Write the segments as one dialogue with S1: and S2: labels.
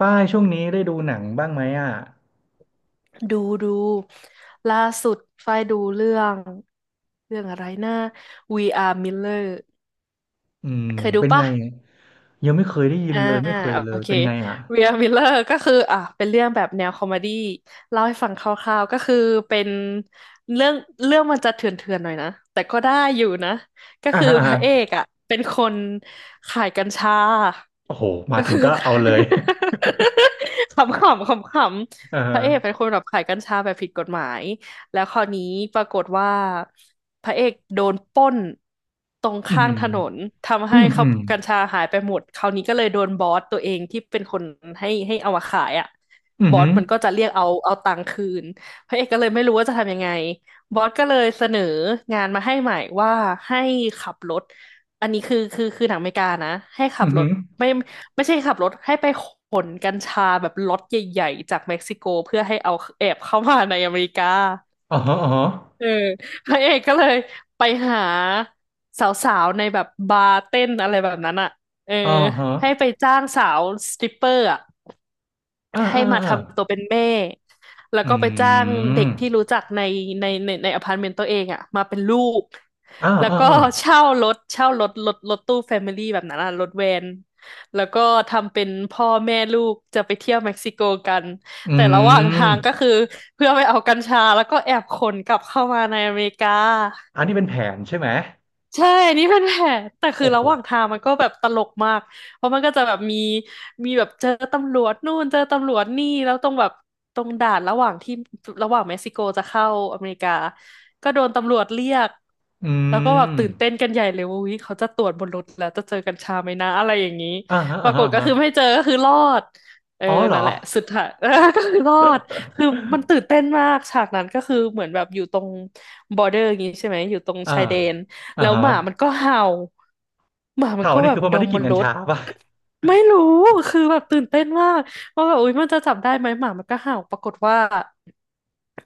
S1: ป้ายช่วงนี้ได้ดูหนังบ้างไหมอ่ะ
S2: ดูดูล่าสุดฝ้ายดูเรื่องอะไรนะ We Are Miller
S1: อืม
S2: เคยดู
S1: เป็นไง
S2: ปะ
S1: ยังไม่เคยได้ยิ
S2: อ่า
S1: นเลยไม่เคยเล
S2: โอ
S1: ย
S2: เค
S1: เป็นไงอ่ะ
S2: We Are Miller ก็คืออ่ะเป็นเรื่องแบบแนวคอมเมดี้เล่าให้ฟังคร่าวๆก็คือเป็นเรื่องมันจะเถื่อนๆหน่อยนะแต่ก็ได้อยู่นะก็
S1: อ่า
S2: คือ
S1: ฮะอ่า
S2: พ
S1: ฮะ
S2: ระเอกอ่ะเป็นคนขายกัญชา
S1: โอ้โหมา
S2: ก็
S1: ถึ
S2: คื
S1: ง
S2: อ
S1: ก็เอาเลย
S2: ขำๆขำ
S1: อ่า
S2: ๆพ
S1: ฮะ
S2: ระเอกเป็นคนแบบขายกัญชาแบบผิดกฎหมาย แล้วคราวนี้ปรากฏว่าพระเอกโดนปล้นตรง
S1: อื
S2: ข้างถนน
S1: ม
S2: ทำ
S1: อื
S2: ให้
S1: ม
S2: เขา
S1: อืม
S2: กัญชาหายไปหมดคราวนี้ก็เลยโดนบอสตัวเองที่เป็นคนให้เอามาขายอ่ะ
S1: อืม
S2: บอ
S1: อื
S2: สมันก็จะเรียกเอาตังค์คืนพระเอกก็เลยไม่รู้ว่าจะทำยังไงบอสก็เลยเสนองานมาให้ใหม่ว่าให้ขับรถอันนี้คือหนังอเมริกานะให้
S1: ม
S2: ขั
S1: อ
S2: บ
S1: ม
S2: รถไม่ใช่ขับรถให้ไปขนกัญชาแบบล็อตใหญ่ๆจากเม็กซิโกเพื่อให้เอาแอบเข้ามาในอเมริกา
S1: อ๋อฮะอ๋อฮะ
S2: เออพระเอกก็เลยไปหาสาวๆในแบบบาร์เต้นอะไรแบบนั้นอ่ะเออ
S1: อ๋อฮะ
S2: ให้ไปจ้างสาวสตริปเปอร์อ่ะ
S1: อ่า
S2: ให้
S1: อ่า
S2: มา
S1: อ่า
S2: ทำตัวเป็นแม่ แล้ว
S1: อื
S2: ก็ไปจ้าง
S1: ม
S2: เด็กที่รู้จักในอพาร์ตเมนต์ตัวเองอ่ะมาเป็นลูก
S1: อ่า
S2: แล้ว
S1: อ่า
S2: ก็
S1: อ่า
S2: เช่ารถรถตู้แฟมิลี่แบบนั้นอ่ะรถแวน แล้วก็ทำเป็นพ่อแม่ลูกจะไปเที่ยวเม็กซิโกกัน
S1: อื
S2: แต่ระหว่างทา
S1: ม
S2: งก็คือเพื่อไปเอากัญชาแล้วก็แอบขนกลับเข้ามาในอเมริกา
S1: อันนี้เป็นแผนใช่ไหม
S2: ใช่นนี่เป็นแผนแต่คื
S1: โอ้
S2: อ
S1: โห
S2: ระหว่างทางมันก็แบบตลกมากเพราะมันก็จะแบบมีแบบเจอตำรวจนู่นเจอตำรวจนี่แล้วตรงแบบตรงด่านระหว่างที่ระหว่างเม็กซิโกจะเข้าอเมริกาก็โดนตำรวจเรียก
S1: อื
S2: แล้วก็แบบ
S1: ม
S2: ตื่นเต้นกันใหญ่เลยว่าวิเขาจะตรวจบนรถแล้วจะเจอกัญชาไหมนะอะไรอย่างนี้
S1: อ่าฮะ
S2: ป
S1: อ่า
S2: รากฏก็
S1: ฮะ
S2: คือไม่เจอก็คือรอดเออ
S1: อ๋อเหรอ
S2: นั่นแหละสุดท้าย ก็คือรอดคือมัน ตื่นเต้นมากฉากนั้นก็คือเหมือนแบบอยู่ตรงบอร์เดอร์อย่างนี้ใช่ไหมอยู่ตรง
S1: อ่า
S2: ชายแดน
S1: อ่า
S2: แล้ว
S1: ฮะ
S2: หมามันก็เห่าหมามัน
S1: เผา
S2: ก็
S1: นี่
S2: แบ
S1: คื
S2: บ
S1: อเพราะ
S2: ด
S1: มัน
S2: ม
S1: ได้ก
S2: บ
S1: ลิ่น
S2: น
S1: กัญ
S2: รถ
S1: ชาป่ะ
S2: ไม่รู้คือแบบตื่นเต้นมากว่าแบบอุ๊ยมันจะจับได้ไหมหมามันก็เห่าปรากฏว่า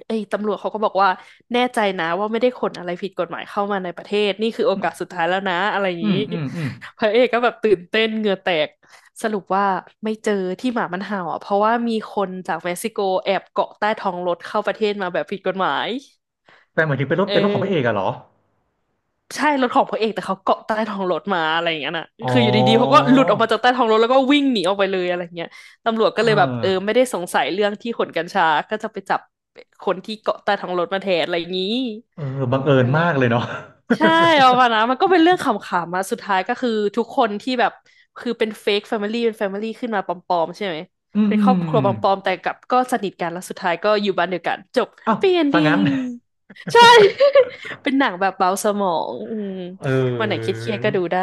S2: ไอ้ตำรวจเขาก็บอกว่าแน่ใจนะว่าไม่ได้ขนอะไรผิดกฎหมายเข้ามาในประเทศนี่คือโอกาสสุดท้ายแล้วนะอะไรอย่าง
S1: อืม
S2: นี้
S1: อืมอืม
S2: พระเอกก็แบบตื่นเต้นเหงื่อแตกสรุปว่าไม่เจอที่หมามันเห่าอ่ะเพราะว่ามีคนจากเม็กซิโกแอบเกาะใต้ท้องรถเข้าประเทศมาแบบผิดกฎหมาย
S1: แต่หมายถึงเป็นรถ
S2: เอ
S1: เป็นรถของพระเอก
S2: อ
S1: อะเหรอ
S2: ใช่รถของพระเอกแต่เขาเกาะใต้ท้องรถมาอะไรอย่างเงี้ยน่ะ
S1: อ๋อ
S2: คืออยู่ดีๆเขาก็หลุดออกมาจากใต้ท้องรถแล้วก็วิ่งหนีออกไปเลยอะไรเงี้ยตำรวจก็
S1: เอ
S2: เลยแบบเออ
S1: อ
S2: ไม่ได้สงสัยเรื่องที่ขนกัญชาก็จะไปจับคนที่เกาะใต้ท้องรถมาแทนอะไรอย่างงี้
S1: เออบังเอิญ
S2: นั่นแห
S1: มา
S2: ละ
S1: กเลยเนาะ
S2: ใช่เอามานะมันก็เป็นเรื่องขำๆอะสุดท้ายก็คือทุกคนที่แบบคือเป็นเฟกแฟมิลี่เป็นแฟมิลี่ขึ้นมาปลอมๆใช่ไหม
S1: อืม
S2: เป็น
S1: อื
S2: ค
S1: ม
S2: รอบครัว
S1: อื
S2: ป
S1: ม
S2: ลอมๆแต่กลับก็สนิทกันแล้วสุดท้ายก็อยู่บ้านเดียวกันจบแฮ
S1: เอ้า
S2: ปปี้เอน
S1: ซะ
S2: ดิ้
S1: งั้น
S2: งใช่ เป็นหนังแบบเบาสมองอืม
S1: เอ
S2: วันไหนคิดเครียดๆก็ดู
S1: อ
S2: ได้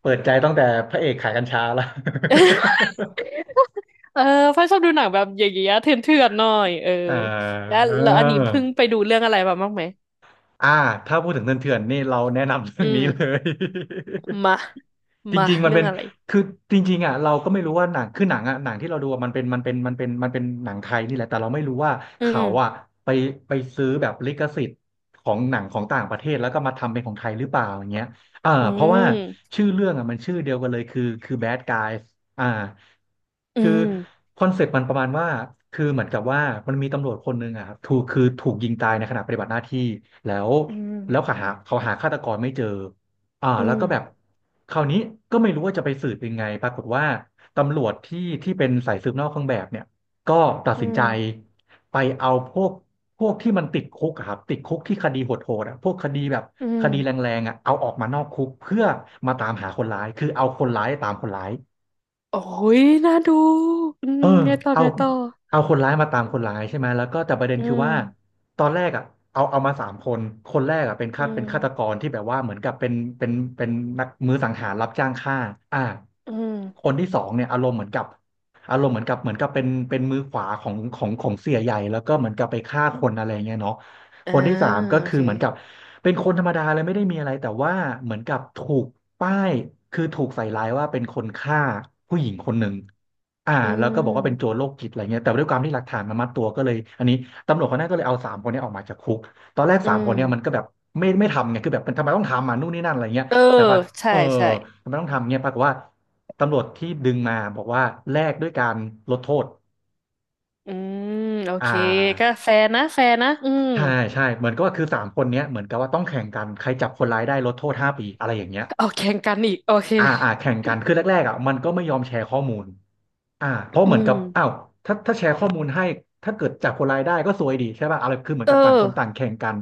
S1: เปิดใจตั้งแต่พระเอกขายกัญชาละ
S2: เออพ่อชอบดูหนังแบบอย่างเงี้ยเถื่อนๆหน่อยเออ
S1: ออ
S2: แล้
S1: า
S2: วอันนี้เพิ่งไปดูเรื่องอะไรมาบ้างไหม
S1: อ่า ถ้าพูดถึงเถื่อนๆนี่เราแนะนำเรื่อ
S2: อื
S1: งนี้เล
S2: ม
S1: ย
S2: มา
S1: จ
S2: มา
S1: ริงๆ มัน
S2: เรื่อ
S1: เป็
S2: ง
S1: น
S2: อะไร
S1: คือจริงๆอ่ะเราก็ไม่รู้ว่าหนังคือหนังอ่ะหนังที่เราดูอะมันเป็นมันเป็นมันเป็นมันเป็นหนังไทยนี่แหละแต่เราไม่รู้ว่า
S2: อื
S1: เขา
S2: ม
S1: อ่ะไปไปซื้อแบบลิขสิทธิ์ของหนังของต่างประเทศแล้วก็มาทำเป็นของไทยหรือเปล่าอย่างเงี้ยอ่า
S2: อื
S1: เพราะว่า
S2: ม
S1: ชื่อเรื่องอ่ะมันชื่อเดียวกันเลยคือ Bad Guys อ่า
S2: อื
S1: คือ
S2: ม
S1: คอนเซปต์มันประมาณว่าคือเหมือนกับว่ามันมีตำรวจคนหนึ่งอ่ะครับถูกคือถูกยิงตายในขณะปฏิบัติหน้าที่แล้ว
S2: อืม
S1: แล้วเขาหาฆาตกรไม่เจอ อ่า
S2: อื
S1: แล้ว
S2: ม
S1: ก็แบบคราวนี้ก็ไม่รู้ว่าจะไปสืบยังไงปรากฏว่าตำรวจที่เป็นสายสืบนอกเครื่องแบบเนี่ยก็ตัด
S2: อื
S1: สินใจ
S2: ม
S1: ไปเอาพวกที่มันติดคุกอะครับติดคุกที่คดีโหดๆอ่ะพวกคดีแบบ
S2: อื
S1: ค
S2: ม
S1: ดีแรงๆอ่ะเอาออกมานอกคุกเพื่อมาตามหาคนร้ายคือเอาคนร้ายตามคนร้าย
S2: โอ้ยน่าดูอื
S1: เอ
S2: ม
S1: อ
S2: ไงต่อ
S1: เอา
S2: ไงต่อ
S1: เอาคนร้ายมาตามคนร้ายใช่ไหมแล้วก็แต่ประเด็น
S2: อื
S1: คือ
S2: ม
S1: ว่าตอนแรกอ่ะเอามาสามคนคนแรกอ่ะเป็น
S2: อื
S1: ฆาตเป็น
S2: ม
S1: ฆาตกรที่แบบว่าเหมือนกับเป็นนักมือสังหารรับจ้างฆ่าอ่า
S2: อื
S1: ค
S2: ม
S1: นที่สองเนี่ยอารมณ์เหมือนกับอารมณ์เหมือนกับเหมือนกับเป็นมือขวาของเสียใหญ่แล้วก็เหมือนกับไปฆ่าคนอะไรเงี้ยเนาะค
S2: อ่า
S1: นที่สามก็
S2: โอ
S1: คือ
S2: เค
S1: เหมือนกับเป็นคนธรรมดาเลยไม่ได้มีอะไรแต่ว่าเหมือนกับป้ายถูกใส่ร้ายว่าเป็นคนฆ่าผู้หญิงคนหนึ่ง อ่า
S2: อื
S1: แล้วก็บอกว่าเป็นโจร
S2: ม
S1: โรคจิตอะไรเงี้ยแต่ด้วยความที่หลักฐานมันมัดตัวก็เลยอันนี้ตำรวจคนนั้นก็เลยเอาสามคนเนี้ออกมาจากคุกตอนแรก
S2: อื
S1: สามคนเนี้ยมันก็
S2: ม
S1: แบบไม่ทำไงคือแบบมันทำไมต้องทำอ่ะนู่นนี่นั่นอะไรเงี้ย
S2: เออ
S1: แต่ปะ
S2: ใช่
S1: เออ
S2: ใช่
S1: ทำไมต้องทำเงี้ยปรากฏว่าตำรวจที่ดึงมาบอกว่าแลกด้วยการลดโทษ
S2: อืมโอ
S1: อ่
S2: เคก็
S1: า
S2: แฟร์นะแฟร์นะอืม
S1: ใช่ใช่เหมือนก็ว่าคือสามคนเนี้ยเหมือนกับว่าต้องแข่งกันใครจับคนร้ายได้ลดโทษ5 ปีอะไรอย่างเงี้ย
S2: เอาแข่งกันอีกโอเค
S1: อ่าอ่าแข่งกันคือแรกๆอ่ะมันก็ไม่ยอมแชร์ข้อมูล อ่าเพราะ
S2: อื
S1: เหมือนกั
S2: ม
S1: บอ้าวถ้าแชร์ข้อมูลให้ถ้าเกิดจับคนร้ายได้ก็ซวยดีใช่ป่ะอะไรคือเหมือ
S2: เอ
S1: นกับต่างคนต่า
S2: อ
S1: งแข่งกัน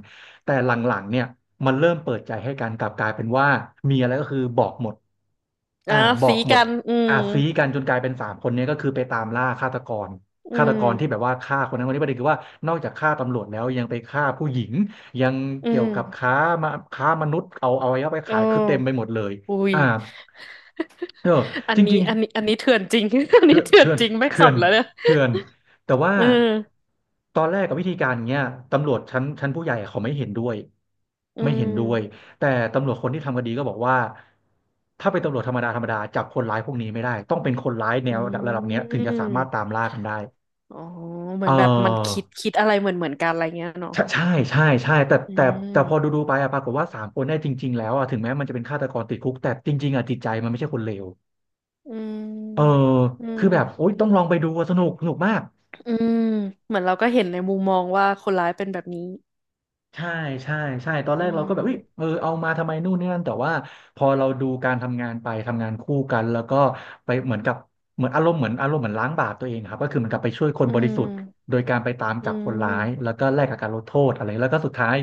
S1: แต่หลังๆเนี่ยมันเริ่มเปิดใจให้กันกลับกลายเป็นว่ามีอะไรก็คือบอกหมด
S2: อ่ะ
S1: อ่าบอ
S2: สี
S1: กหม
S2: กั
S1: ด
S2: นอืม
S1: อ่าซี้กันจนกลายเป็นสามคนเนี้ก็คือไปตามล่าฆาตกร
S2: อื
S1: ฆาตกรที่แบ
S2: ม
S1: บว่าฆ่าคนนั้นคนนี้ประเด็นคือว่านอกจากฆ่าตำรวจแล้วยังไปฆ่าผู้หญิงยัง
S2: อื
S1: เกี่ยวกับ
S2: ม
S1: ค้ามาค้ามนุษย์เอาไว้ไป
S2: โ
S1: ขายคือเต็มไป
S2: อ
S1: หมดเลย
S2: อุ้ย
S1: อ่าเออ
S2: อั
S1: จ
S2: น
S1: ริ
S2: นี้
S1: งๆ
S2: เถื่อนจริง อัน
S1: เถื่
S2: นี้
S1: อน
S2: เถื่อน
S1: เถื่อน
S2: จริงไม่
S1: เถื่
S2: ขั
S1: อ
S2: บ
S1: น
S2: แล้วเนี่ย
S1: เถื่อนแต่ว่า
S2: เออ
S1: ตอนแรกกับวิธีการเนี้ยตำรวจชั้นผู้ใหญ่เขาไม่เห็นด้วย
S2: อื
S1: ไม่เห็นด้วย
S2: ม
S1: แต่ตำรวจคนที่ทำคดีก็บอกว่าถ้าเป็นตำรวจธรรมดาธรรมดาจับคนร้ายพวกนี้ไม่ได้ต้องเป็นคนร้ายแนวระ
S2: อื
S1: ดับเนี้ยถึงจะสามารถตาม
S2: ม
S1: ล่ากันได้
S2: อ๋อเห
S1: เ
S2: มือนแบบมัน
S1: ออ
S2: คิดอะไรเหมือนกันอะไรเงี้ยเนาะ
S1: ใช่ใช่ใช่ใช่แต่
S2: อื
S1: แต่แต่พอดู
S2: ม
S1: ดูไปอะปรากฏว่าสามคนได้จริงๆแล้วอะถึงแม้มันจะเป็นฆาตกรติดคุกแต่จริงๆอะจิตใจมันไม่ใช่คนเลว
S2: อื
S1: เออ
S2: มอื
S1: คือแบบโอ๊
S2: ม
S1: ยต้องลองไปดูอะสนุกสนุกมาก
S2: อืมเหมือนเราก็เห็นในมุมมองว่าคนร้ายเป็นแบบนี้
S1: ใช่ใช่ใช่ตอนแร
S2: อื
S1: กเราก็แบบเฮ้ย
S2: ม
S1: เออเอามาทำไมนู่นนี่นั่นแต่ว่าพอเราดูการทำงานไปทำงานคู่กันแล้วก็ไปเหมือนกับเหมือนอารมณ์เหมือนล้างบาปตัวเองครับก็คือเหมือนกับไปช่วยคน
S2: อื
S1: บริสุทธิ์
S2: ม
S1: โดยการไปตาม
S2: อื
S1: จับคนร้าย
S2: ม
S1: แล้วก็แลกกับการลดโทษอะไรแล้วก็สุดท้าย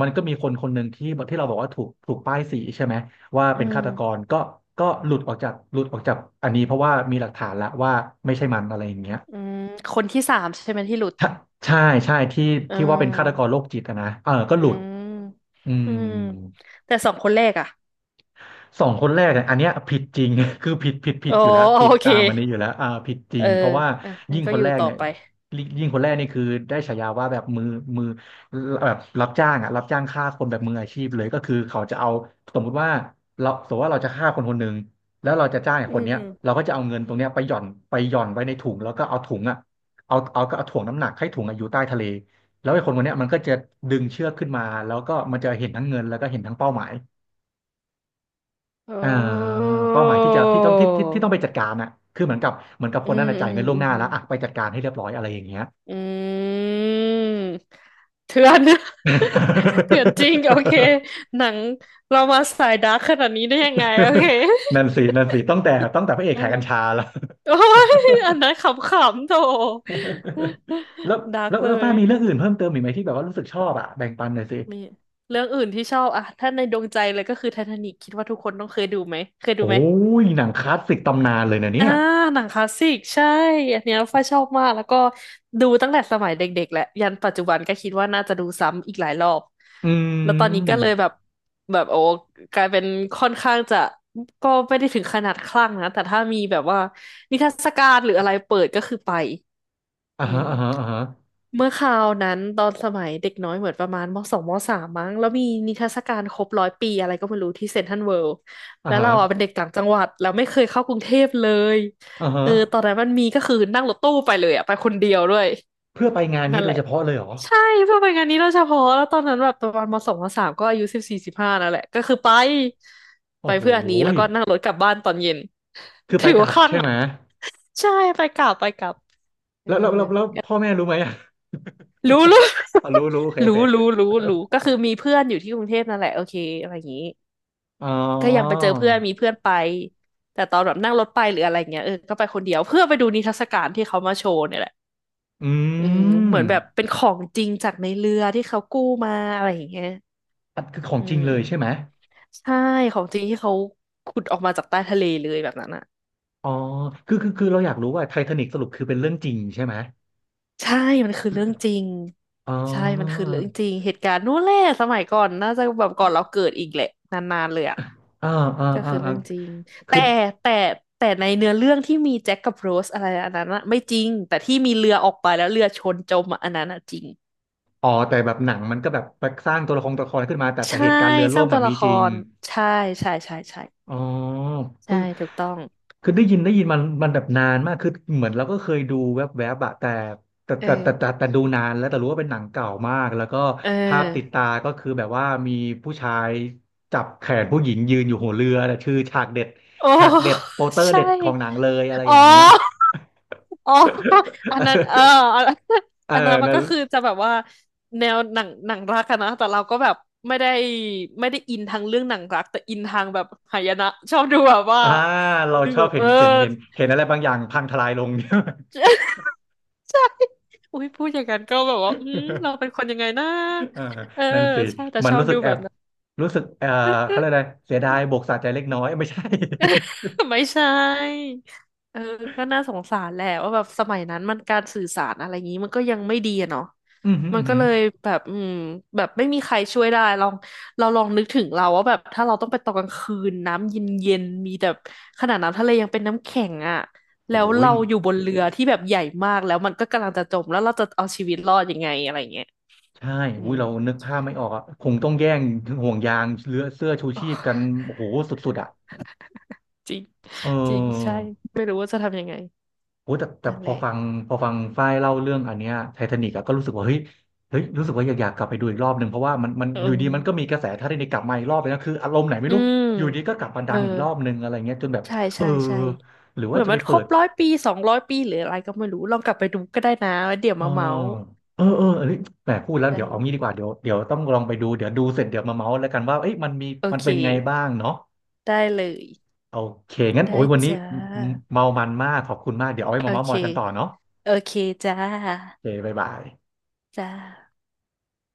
S1: มันก็มีคนคนหนึ่งที่เราบอกว่าถูกป้ายสีใช่ไหมว่า
S2: อื
S1: เป็น
S2: ม
S1: ฆาตกรก็หลุดออกจากหลุดออกจากอันนี้เพราะว่ามีหลักฐานละว่าไม่ใช่มันอะไรอย่างเงี้ย
S2: อืมคนที่สามใช่ไหมที่หลุด
S1: ใช่ใช่ใช่ที่
S2: อื
S1: ที่ว่าเป็นฆาตกรโร
S2: ม
S1: คจิตอะนะเออก็ห
S2: อื
S1: ลุด
S2: ม
S1: อื
S2: อื
S1: ม
S2: มแต่สองคนแรกอ่ะ
S1: สองคนแรกเนี่ยอันเนี้ยผิดจริง คือผิด
S2: โอ๋
S1: อยู่แล้วผิด
S2: โอเค
S1: ตามอันนี้อยู่แล้วผิดจริ
S2: เออ
S1: งเพราะว่า
S2: อ่ะงั้
S1: ยิ่
S2: น
S1: ง
S2: ก็
S1: ค
S2: อ
S1: น
S2: ยู่
S1: แรก
S2: ต่อ
S1: เนี่ย
S2: ไป
S1: ยิ่งคนแรกนี่คือได้ฉายาว่าแบบมือแบบรับจ้างอ่ะรับจ้างฆ่าคนแบบมืออาชีพเลยก็คือเขาจะเอาสมมุติว่าเราสมมติว่าเราจะฆ่าคนคนหนึ่งแล้วเราจะจ้างไอ้
S2: อื
S1: คนเนี้ยเรา
S2: ม
S1: ก็จะเอาเงินตรงเนี้ยไปหย่อนไว้ในถุงแล้วก็เอาถุงอ่ะเอาถ่วงน้ำหนักให้ถุงอะอยู่ใต้ทะเลแล้วไอ้คนคนเนี้ยมันก็จะดึงเชือกขึ้นมาแล้วก็มันจะเห็นทั้งเงินแล้วก็เห็นทั้งเป้าหมาย
S2: โอ
S1: อ่า
S2: ้
S1: เป้าหมายที่จะที่ต้องไปจัดการน่ะคือเหมือนกับค
S2: อื
S1: นนั้
S2: ม
S1: นน่ะ
S2: อื
S1: จ่าย
S2: ม
S1: เงินล่วง
S2: อื
S1: หน้า
S2: ม
S1: แล้วอ่ะไปจัดการให้เรียบร้อยอะไรอย่างเงี้ย
S2: อืมเถื่อน เถื่อนจริงโอ เคหนังเรามาสายดาร์กขนาดนี้ได้ยังไงโอเค
S1: นั่นสินั่นสิตั้งแต่พระเอก
S2: เออ
S1: ขายกัญชาแล้ว
S2: โอ้ยอันนั้นขำๆโถ
S1: แล้ว
S2: ดาร์ก
S1: แล้ว
S2: เล
S1: แล้วป้า
S2: ย
S1: มีเรื่องอื่นเพิ่มเติมอีกไหมที่แบบว่ารู้สึกชอบอ่ะแบ่งปันหน่อยสิ
S2: นีเรื่องอื่นที่ชอบอะถ้าในดวงใจเลยก็คือไททานิกคิดว่าทุกคนต้องเคยดูไหมเคยดู
S1: โอ้
S2: ไหม
S1: ยหนังคลาสสิกตำนานเลยนะเนี่
S2: อ่า
S1: ย
S2: หนังคลาสสิกใช่อันเนี้ยฝ้ายชอบมากแล้วก็ดูตั้งแต่สมัยเด็กๆแหละยันปัจจุบันก็คิดว่าน่าจะดูซ้ำอีกหลายรอบ
S1: อื
S2: แล้วตอนนี้ก็เลยแบ
S1: ม
S2: บแบบโอ้กลายเป็นค่อนข้างจะก็ไม่ได้ถึงขนาดคลั่งนะแต่ถ้ามีแบบว่านิทรรศการหรืออะไรเปิดก็คือไป
S1: อ่า
S2: อื
S1: ฮะอ่าฮะ
S2: ม
S1: อ่าฮะ
S2: เมื่อคราวนั้นตอนสมัยเด็กน้อยเหมือนประมาณมสองมสามมั้งแล้วมีนิทรรศการครบร้อยปีอะไรก็ไม่รู้ที่เซ็นทรัลเวิลด์
S1: อ่า
S2: แล้ว
S1: ฮะ
S2: เราอ่ะเป็นเด็กต่างจังหวัดแล้วไม่เคยเข้ากรุงเทพเลย
S1: อ่าฮะ
S2: เออตอนนั้นมันมีก็คือนั่งรถตู้ไปเลยอ่ะไปคนเดียวด้วย
S1: เพื่อไปงานนี้
S2: นั่น
S1: โด
S2: แห
S1: ย
S2: ละ
S1: เฉพาะเลยเหรอ
S2: ใช่เพื่อไปงานนี้โดยเฉพาะแล้วตอนนั้นแบบประมาณมสองมสามก็อายุ14 15นั่นแหละก็คือไป
S1: โอ้
S2: ไป
S1: โห
S2: เพื่ออันนี้แล้
S1: ย
S2: วก็นั่งรถกลับบ้านตอนเย็น
S1: คือไป
S2: ถือ
S1: กลั
S2: ว่า
S1: บ
S2: คลั่ง
S1: ใช่
S2: ไหม
S1: ไหม
S2: ใช่ไปกลับไปกลับเออ
S1: แล้วพ่อแม่รู้ไหม อ่ะ
S2: รู้ รู้
S1: อ๋อรู้ รู้โอเคโอเค
S2: รู้รู้รู้รู้ก็คือมีเพื่อนอยู่ที่กรุงเทพนั่นแหละโอเคอะไรอย่างนี้
S1: อ๋อ
S2: ก็ยังไปเจอเพื่อนมีเพื่อนไป แต่ตอนแบบนั่งรถไปหรืออะไรเงี้ยเออก็ไปคนเดียวเพื่อไปดูนิทรรศการที่เขามาโชว์เนี่ยแหละ
S1: อื
S2: อืมเห
S1: ม
S2: มือนแบบเป็นของจริงจากในเรือที่เขากู้มาอะไรอย่างเงี้ย
S1: อันคือของ
S2: อื
S1: จริง
S2: ม
S1: เลยใช่ไหม
S2: ใช่ของจริงที่เขาขุดออกมาจากใต้ทะเลเลยแบบนั้นอ่ะ
S1: อ๋อคือเราอยากรู้ว่าไททานิกสรุปคือเป็นเรื่องจริงใช่ไหม
S2: ใช่มันคือเรื่องจริง
S1: อ๋อ
S2: ใช่มันคือเรื่องจริงเหตุการณ์นู้นแหละสมัยก่อนน่าจะแบบก่อนเราเกิดอีกแหละนานๆเลยอ่ะ
S1: อ่าอ่า
S2: ก็
S1: อ่า
S2: คือเรื่
S1: อ่า
S2: องจริงแต่
S1: คือ
S2: แต่แต่ในเนื้อเรื่องที่มีแจ็คกับโรสอะไรอันนั้นอะไม่จริงแต่ที่มีเรือออกไปแล้วเรือชนจมอะอันนั้นอะจริง
S1: อ๋อแต่แบบหนังมันก็แบบสร้างตัวละครขึ้นมาแต่
S2: ใช่
S1: เหตุการณ์เรือ
S2: ส
S1: ล่
S2: ร้าง
S1: ม
S2: ตั
S1: อ่ะ
S2: วละ
S1: มี
S2: ค
S1: จริง
S2: รใช่ใช่ใช่ใช่
S1: อ๋อ
S2: ใช่
S1: คือ
S2: ถูกต้อง
S1: คือได้ยินมันแบบนานมากคือเหมือนเราก็เคยดูแวบๆบอะ
S2: เออ
S1: แต่ดูนานแล้วแต่รู้ว่าเป็นหนังเก่ามากแล้วก็
S2: เอ
S1: ภาพติด
S2: อ
S1: ตาก็คือแบบว่ามีผู้ชายจับแขนผู้หญิงยืนอยู่หัวเรือแต่ชื่อฉากเด็ด
S2: โอ้
S1: ฉากเด็ดโปสเตอ ร์
S2: ใช่
S1: เด็ดของหนังเลยอะไร
S2: อ๋
S1: อ
S2: อ
S1: ย่างเงี้ย
S2: อ๋อ อันนั้นเอออัน
S1: เออ
S2: อันนั้นมั
S1: น
S2: นก็
S1: น
S2: คือจะแบบว่าแนวหนังรักอะนะแต่เราก็แบบไม่ได้ไม่ได้อินทางเรื่องหนังรักแต่อินทางแบบหายนะชอบดูแบบว่า
S1: อ่าเรา
S2: ดู
S1: ชอ
S2: แบ
S1: บ
S2: บเออ
S1: เห็นอะไรบางอย่างพังทลายลง
S2: อุ้ยพูดอย่างนั้นก็แบบว่าอืมเรา เป็นคนยังไงนะ
S1: อ่า
S2: เออ
S1: นั่นสิ
S2: ใช่แต่
S1: มั
S2: ช
S1: น
S2: อบ
S1: รู้สึ
S2: ดู
S1: กแอ
S2: แบบ
S1: บ
S2: นั้น
S1: รู้สึกเขาเรียกอะไรเสียดายบวกสะใจเล็กน้อยไม่ใช่
S2: ไม่ใช่เออก็น่าสงสารแหละว่าแบบสมัยนั้นมันการสื่อสารอะไรอย่างนี้มันก็ยังไม่ดีอะเนาะ
S1: อืมอหืม
S2: มั
S1: อ
S2: น
S1: อื้อ
S2: ก็
S1: หือ
S2: เลยแบบอืมแบบไม่มีใครช่วยได้ลองเราลองนึกถึงเราว่าแบบถ้าเราต้องไปตอนกลางคืนน้ำเย็นๆมีแต่ขนาดน้ำทะเลยังเป็นน้ำแข็งอ่ะ
S1: โอ้
S2: แล้ว
S1: ย
S2: เราอยู่บนเรือที่แบบใหญ่มากแล้วมันก็กำลังจะจมแล้วเราจะเอาชีวิตรอดยังไงอะไรเงี้ย
S1: ใช่
S2: อื
S1: อุ้ย
S2: ม
S1: เรานึก ภาพไม่ออกอ่ะคงต้องแย่งห่วงยางเรือเสื้อชู
S2: โอ
S1: ชีพกัน
S2: ้
S1: โอ้โหสุดๆอ่ะ
S2: จริง
S1: เอ
S2: จริงใช่
S1: อ
S2: ไม่รู้ว่าจะทำยังไง
S1: โอ้แต่แต่
S2: นั่น
S1: พ
S2: แห
S1: อ
S2: ละ
S1: ฟังพอฟังฝ้ายเล่าเรื่องอันเนี้ยไททานิกอะก็รู้สึกว่าเฮ้ยรู้สึกว่าอยากกลับไปดูอีกรอบหนึ่งเพราะว่ามัน
S2: เอ
S1: อยู่ดีมันก็มี
S2: อ
S1: กระแสไททานิกกลับมาอีกรอบเลยนะคืออารมณ์ไหนไม่
S2: อื
S1: รู้
S2: ม
S1: อยู่ดีก็กลับมา
S2: เอ
S1: ดั
S2: อ
S1: งอีกรอบหนึ่งอะไรเงี้ยจนแบบ
S2: ใช่
S1: เออ
S2: ใช่ใช่
S1: หรือ
S2: เห
S1: ว่า
S2: มือน
S1: จะไป
S2: มันค
S1: เปิ
S2: รบ
S1: ด
S2: 100 ปี 200 ปีหรืออะไรก็ไม่รู้ลองกลับไปดูก็ได้นะแล้วเดี๋ยว
S1: เออ
S2: มาเมาส์
S1: เออเออเอันแหมพูดแล้วเดี๋ยวเอางี้ดี
S2: ใช่
S1: กว่าเดี๋ยวต้องลองไปดูเดี๋ยวดูเสร็จเดี๋ยวมาเมาส์แล้วกันว่าเอ้ยมันมี
S2: โอ
S1: มัน
S2: เค
S1: เป็นไงบ้างเนาะ
S2: ได้เลย
S1: โอเคงั้น
S2: ได้
S1: โอ้ยวันนี้
S2: จ้า
S1: เมามันมากขอบคุณมากเดี๋ยวเอาไว้
S2: โอ
S1: มาเมาส์ม
S2: เค
S1: อยกันต่อเนาะ
S2: โอเคจ้
S1: โอ
S2: า
S1: เคบ๊ายบาย
S2: จ้า